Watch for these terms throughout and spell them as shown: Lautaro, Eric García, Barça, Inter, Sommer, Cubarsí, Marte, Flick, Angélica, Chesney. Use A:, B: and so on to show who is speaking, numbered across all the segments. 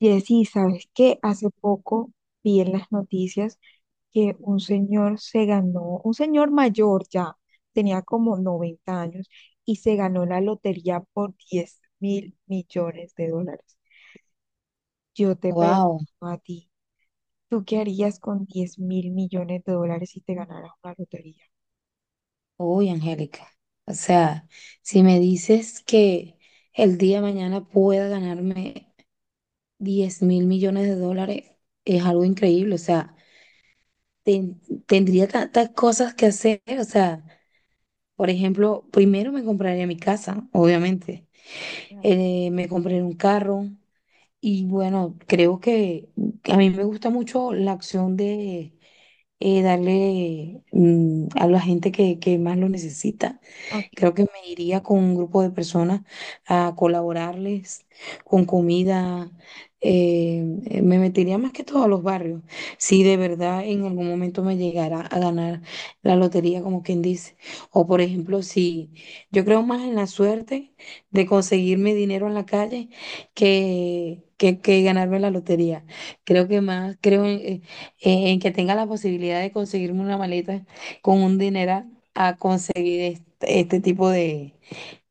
A: Jessy, ¿sabes qué? Hace poco vi en las noticias que un señor se ganó, un señor mayor ya, tenía como 90 años y se ganó la lotería por 10 mil millones de dólares. Yo te pregunto
B: Wow,
A: a ti, ¿tú qué harías con 10 mil millones de dólares si te ganaras una lotería?
B: uy, Angélica. O sea, si me dices que el día de mañana pueda ganarme 10.000 millones de dólares, es algo increíble. O sea, ten- tendría tantas cosas que hacer. O sea, por ejemplo, primero me compraría mi casa, obviamente.
A: Claro.
B: Me compré un carro. Y bueno, creo que a mí me gusta mucho la acción de darle a la gente que más lo necesita.
A: Ok.
B: Creo que me iría con un grupo de personas a colaborarles con comida. Me metería más que todo a los barrios. Si de verdad en algún momento me llegara a ganar la lotería, como quien dice. O por ejemplo, si yo creo más en la suerte de conseguirme dinero en la calle que ganarme la lotería. Creo que más, creo en que tenga la posibilidad de conseguirme una maleta con un dineral a conseguir este tipo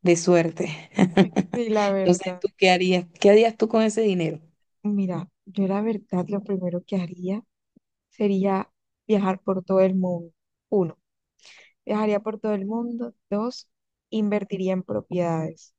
B: de suerte.
A: Sí, la
B: Entonces,
A: verdad.
B: ¿tú qué harías? ¿Qué harías tú con ese dinero?
A: Mira, yo la verdad lo primero que haría sería viajar por todo el mundo. Uno. Viajaría por todo el mundo. Dos, invertiría en propiedades.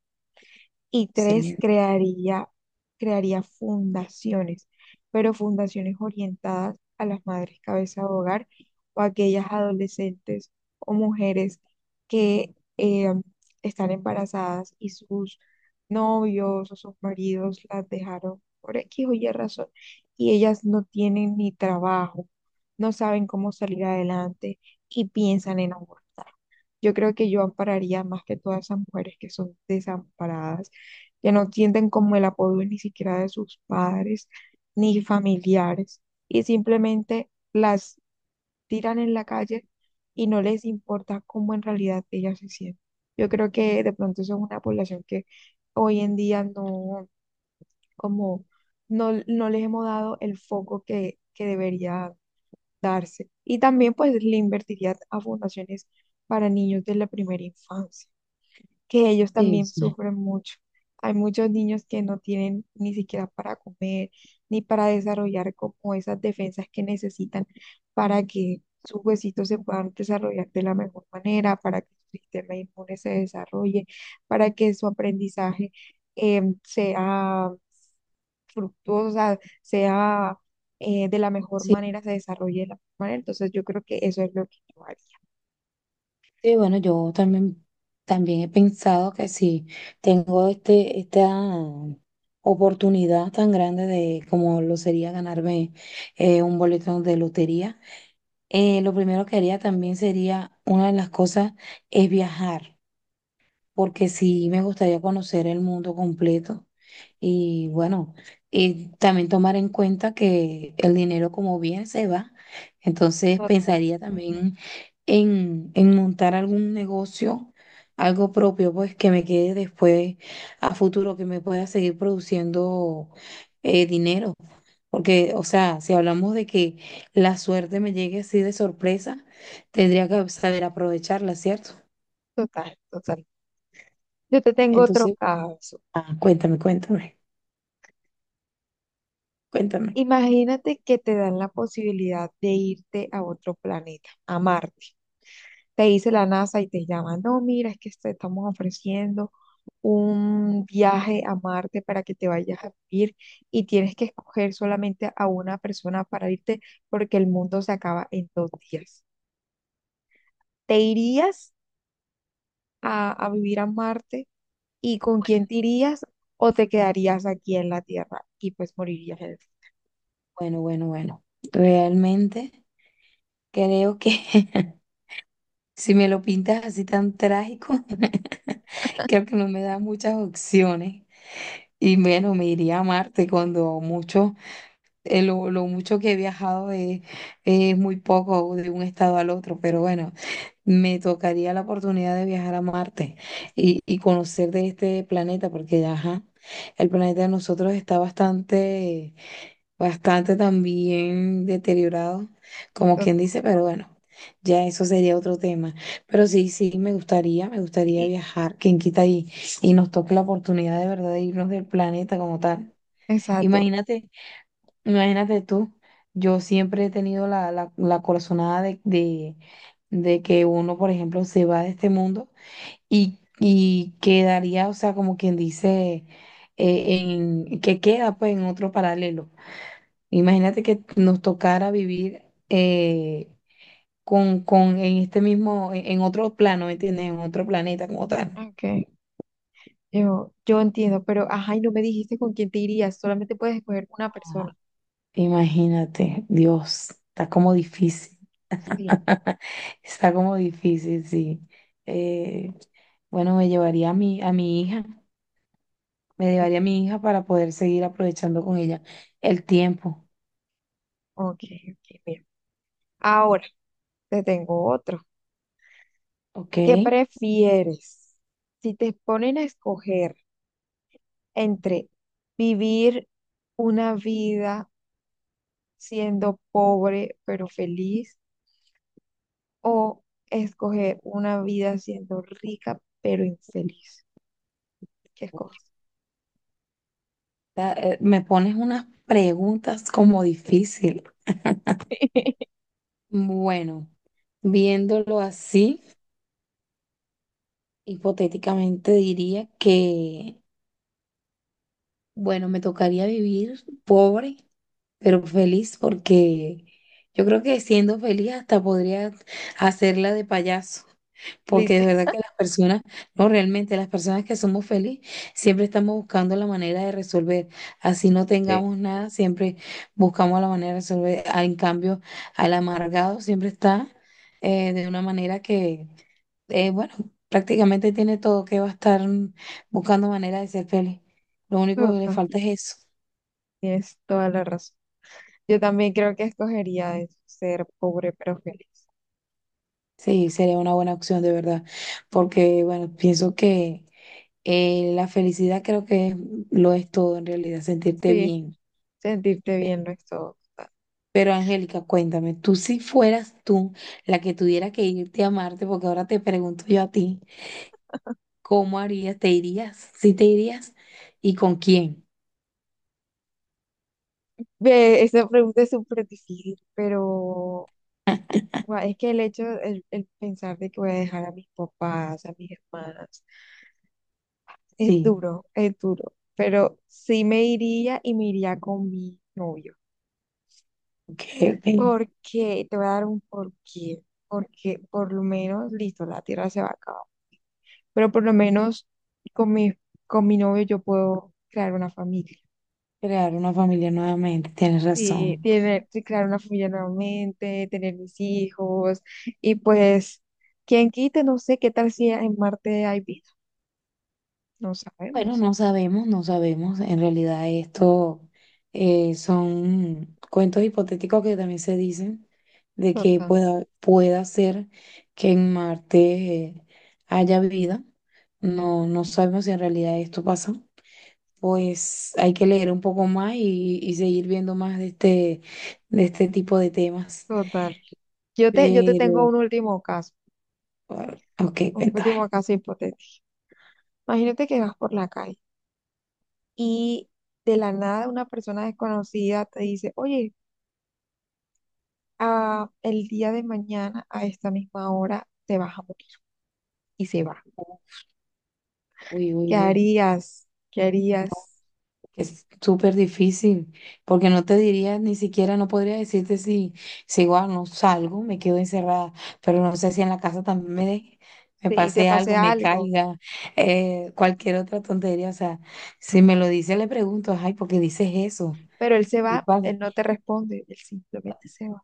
A: Y tres,
B: Excelente.
A: crearía fundaciones, pero fundaciones orientadas a las madres cabeza de hogar o a aquellas adolescentes o mujeres que están embarazadas y sus novios o sus maridos las dejaron por X o Y razón y ellas no tienen ni trabajo, no saben cómo salir adelante y piensan en abortar. Yo creo que yo ampararía más que todas esas mujeres que son desamparadas, que no sienten como el apoyo ni siquiera de sus padres ni familiares y simplemente las tiran en la calle y no les importa cómo en realidad ellas se sienten. Yo creo que de pronto son una población que hoy en día no, como, no les hemos dado el foco que debería darse. Y también pues le invertiría a fundaciones para niños de la primera infancia que ellos
B: Sí,
A: también
B: sí,
A: sufren mucho. Hay muchos niños que no tienen ni siquiera para comer, ni para desarrollar como esas defensas que necesitan para que sus huesitos se puedan desarrollar de la mejor manera, para que su sistema inmune se desarrolle, para que su aprendizaje sea fructuosa, sea de la mejor
B: sí,
A: manera, se desarrolle de la mejor manera. Entonces yo creo que eso es lo que yo haría.
B: sí, bueno, yo también, también he pensado que si tengo esta oportunidad tan grande de como lo sería ganarme un boleto de lotería, lo primero que haría también sería, una de las cosas es viajar. Porque sí me gustaría conocer el mundo completo. Y bueno, y también tomar en cuenta que el dinero como bien se va. Entonces
A: Total,
B: pensaría también en montar algún negocio, algo propio, pues que me quede después a futuro, que me pueda seguir produciendo dinero. Porque, o sea, si hablamos de que la suerte me llegue así de sorpresa, tendría que saber aprovecharla, ¿cierto?
A: total, total. Yo te tengo otro
B: Entonces,
A: caso.
B: ah, cuéntame, cuéntame. Cuéntame.
A: Imagínate que te dan la posibilidad de irte a otro planeta, a Marte. Te dice la NASA y te llama, no, mira, es que te estamos ofreciendo un viaje a Marte para que te vayas a vivir y tienes que escoger solamente a una persona para irte porque el mundo se acaba en 2 días. ¿Te irías a vivir a Marte y con quién te irías o te quedarías aquí en la Tierra y pues morirías en
B: Bueno, bueno, bueno. Realmente creo que si me lo pintas así tan trágico, creo que no me da muchas opciones. Y bueno, me iría a Marte cuando mucho, lo mucho que he viajado es muy poco de un estado al otro, pero bueno, me tocaría la oportunidad de viajar a Marte y conocer de este planeta, porque ajá, el planeta de nosotros está bastante bastante también deteriorado, como quien dice, pero bueno, ya eso sería otro tema. Pero sí, sí, me gustaría
A: el...
B: viajar, quien quita y nos toque la oportunidad de verdad de irnos del planeta como tal.
A: Exacto.
B: Imagínate, imagínate tú, yo siempre he tenido la corazonada de que uno, por ejemplo, se va de este mundo y quedaría, o sea, como quien dice, eh, que queda pues en otro paralelo. Imagínate que nos tocara vivir eh, con en este mismo, en otro plano, ¿me entiendes? En otro planeta como tal.
A: Ok. Yo entiendo, pero ajá, y no me dijiste con quién te irías, solamente puedes escoger una
B: Ajá.
A: persona.
B: Imagínate, Dios, está como difícil,
A: Sí,
B: está como difícil, sí. Eh, bueno, me llevaría a a mi hija, me
A: ok,
B: llevaría a mi hija para poder seguir aprovechando con ella el tiempo,
A: ok, ok, mira. Ahora te tengo otro.
B: ¿ok?
A: ¿Qué prefieres? Si te ponen a escoger entre vivir una vida siendo pobre pero feliz o escoger una vida siendo rica pero infeliz, ¿qué escoges?
B: Me pones unas preguntas como difícil. Bueno, viéndolo así. Hipotéticamente diría que, bueno, me tocaría vivir pobre, pero feliz, porque yo creo que siendo feliz hasta podría hacerla de payaso, porque de
A: Literal,
B: verdad que las personas, no, realmente las personas que somos felices, siempre estamos buscando la manera de resolver. Así no
A: sí,
B: tengamos nada, siempre buscamos la manera de resolver. Ah, en cambio, al amargado siempre está de una manera que bueno, prácticamente tiene todo que va a estar buscando manera de ser feliz. Lo único
A: total,
B: que le falta es eso.
A: tienes toda la razón. Yo también creo que escogería eso, ser pobre pero feliz.
B: Sí, sería una buena opción de verdad, porque bueno, pienso que la felicidad creo que lo es todo en realidad, sentirte
A: Sí,
B: bien.
A: sentirte bien
B: Pe-
A: no es todo.
B: Pero Angélica, cuéntame, tú si fueras tú la que tuviera que irte a Marte, porque ahora te pregunto yo a ti, ¿cómo harías? ¿Te irías? ¿Sí te irías? ¿Y con quién?
A: Ve, esa pregunta es súper difícil, pero es que el pensar de que voy a dejar a mis papás, a mis hermanas, es
B: Sí,
A: duro, es duro. Pero sí me iría y me iría con mi novio.
B: ok, ok.
A: Porque te voy a dar un porqué. Porque por lo menos, listo, la Tierra se va a acabar. Pero por lo menos con mi, con mi novio yo puedo crear una familia.
B: Crear una familia nuevamente, tienes
A: Sí,
B: razón.
A: tiene, sí, crear una familia nuevamente, tener mis hijos y pues, quien quite, no sé qué tal si en Marte hay vida, no
B: Bueno,
A: sabemos.
B: no sabemos, no sabemos. En realidad esto son cuentos hipotéticos que también se dicen de que
A: Total,
B: pueda, pueda ser que en Marte eh, haya vida. No, no sabemos si en realidad esto pasa. Pues hay que leer un poco más y seguir viendo más de este tipo de temas.
A: total. Yo te tengo
B: Pero, ah, ok,
A: un
B: cuéntame.
A: último caso hipotético. Imagínate que vas por la calle y de la nada una persona desconocida te dice, oye, el día de mañana a esta misma hora te vas a morir y se va.
B: Uy, uy,
A: ¿Qué
B: uy.
A: harías? ¿Qué harías?
B: Es súper difícil, porque no te diría, ni siquiera no podría decirte si, si igual no salgo, me quedo encerrada, pero no sé si en la casa también me
A: Si te
B: pase
A: pase
B: algo, me
A: algo.
B: caiga, cualquier otra tontería. O sea, si me lo dice, le pregunto, ay, ¿por qué dices eso?
A: Pero él se
B: ¿Qué
A: va,
B: pasa?
A: él no te responde, él simplemente se va.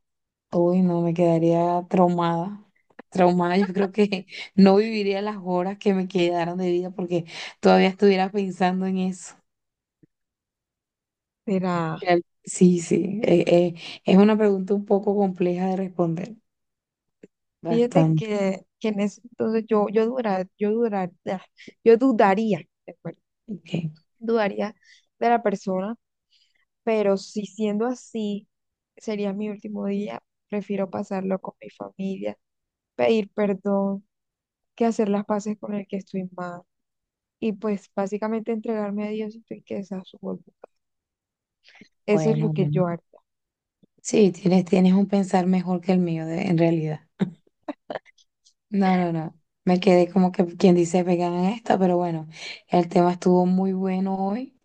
B: Uy, no, me quedaría traumada. Traumada, yo creo que no viviría las horas que me quedaron de vida porque todavía estuviera pensando en eso.
A: Mira,
B: Sí, sí, es una pregunta un poco compleja de responder,
A: fíjate
B: bastante.
A: que en ese entonces yo dudaría, ¿de acuerdo?
B: Ok,
A: Dudaría de la persona, pero si siendo así, sería mi último día, prefiero pasarlo con mi familia, pedir perdón, que hacer las paces con el que estoy mal. Y pues básicamente entregarme a Dios y que esa su voluntad. Eso es lo
B: bueno,
A: que
B: bueno.
A: yo haría.
B: Sí, tienes, tienes un pensar mejor que el mío, en realidad. No, no, no. Me quedé como que quien dice vegana en esta, pero bueno, el tema estuvo muy bueno hoy,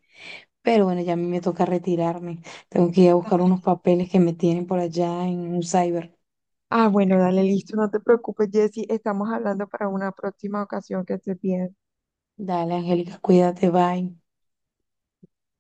B: pero bueno, ya a mí me toca retirarme. Tengo que ir a buscar unos papeles que me tienen por allá en un cyber.
A: Ah, bueno, dale, listo, no te preocupes, Jessy, estamos hablando para una próxima ocasión que estés bien.
B: Dale, Angélica, cuídate, bye.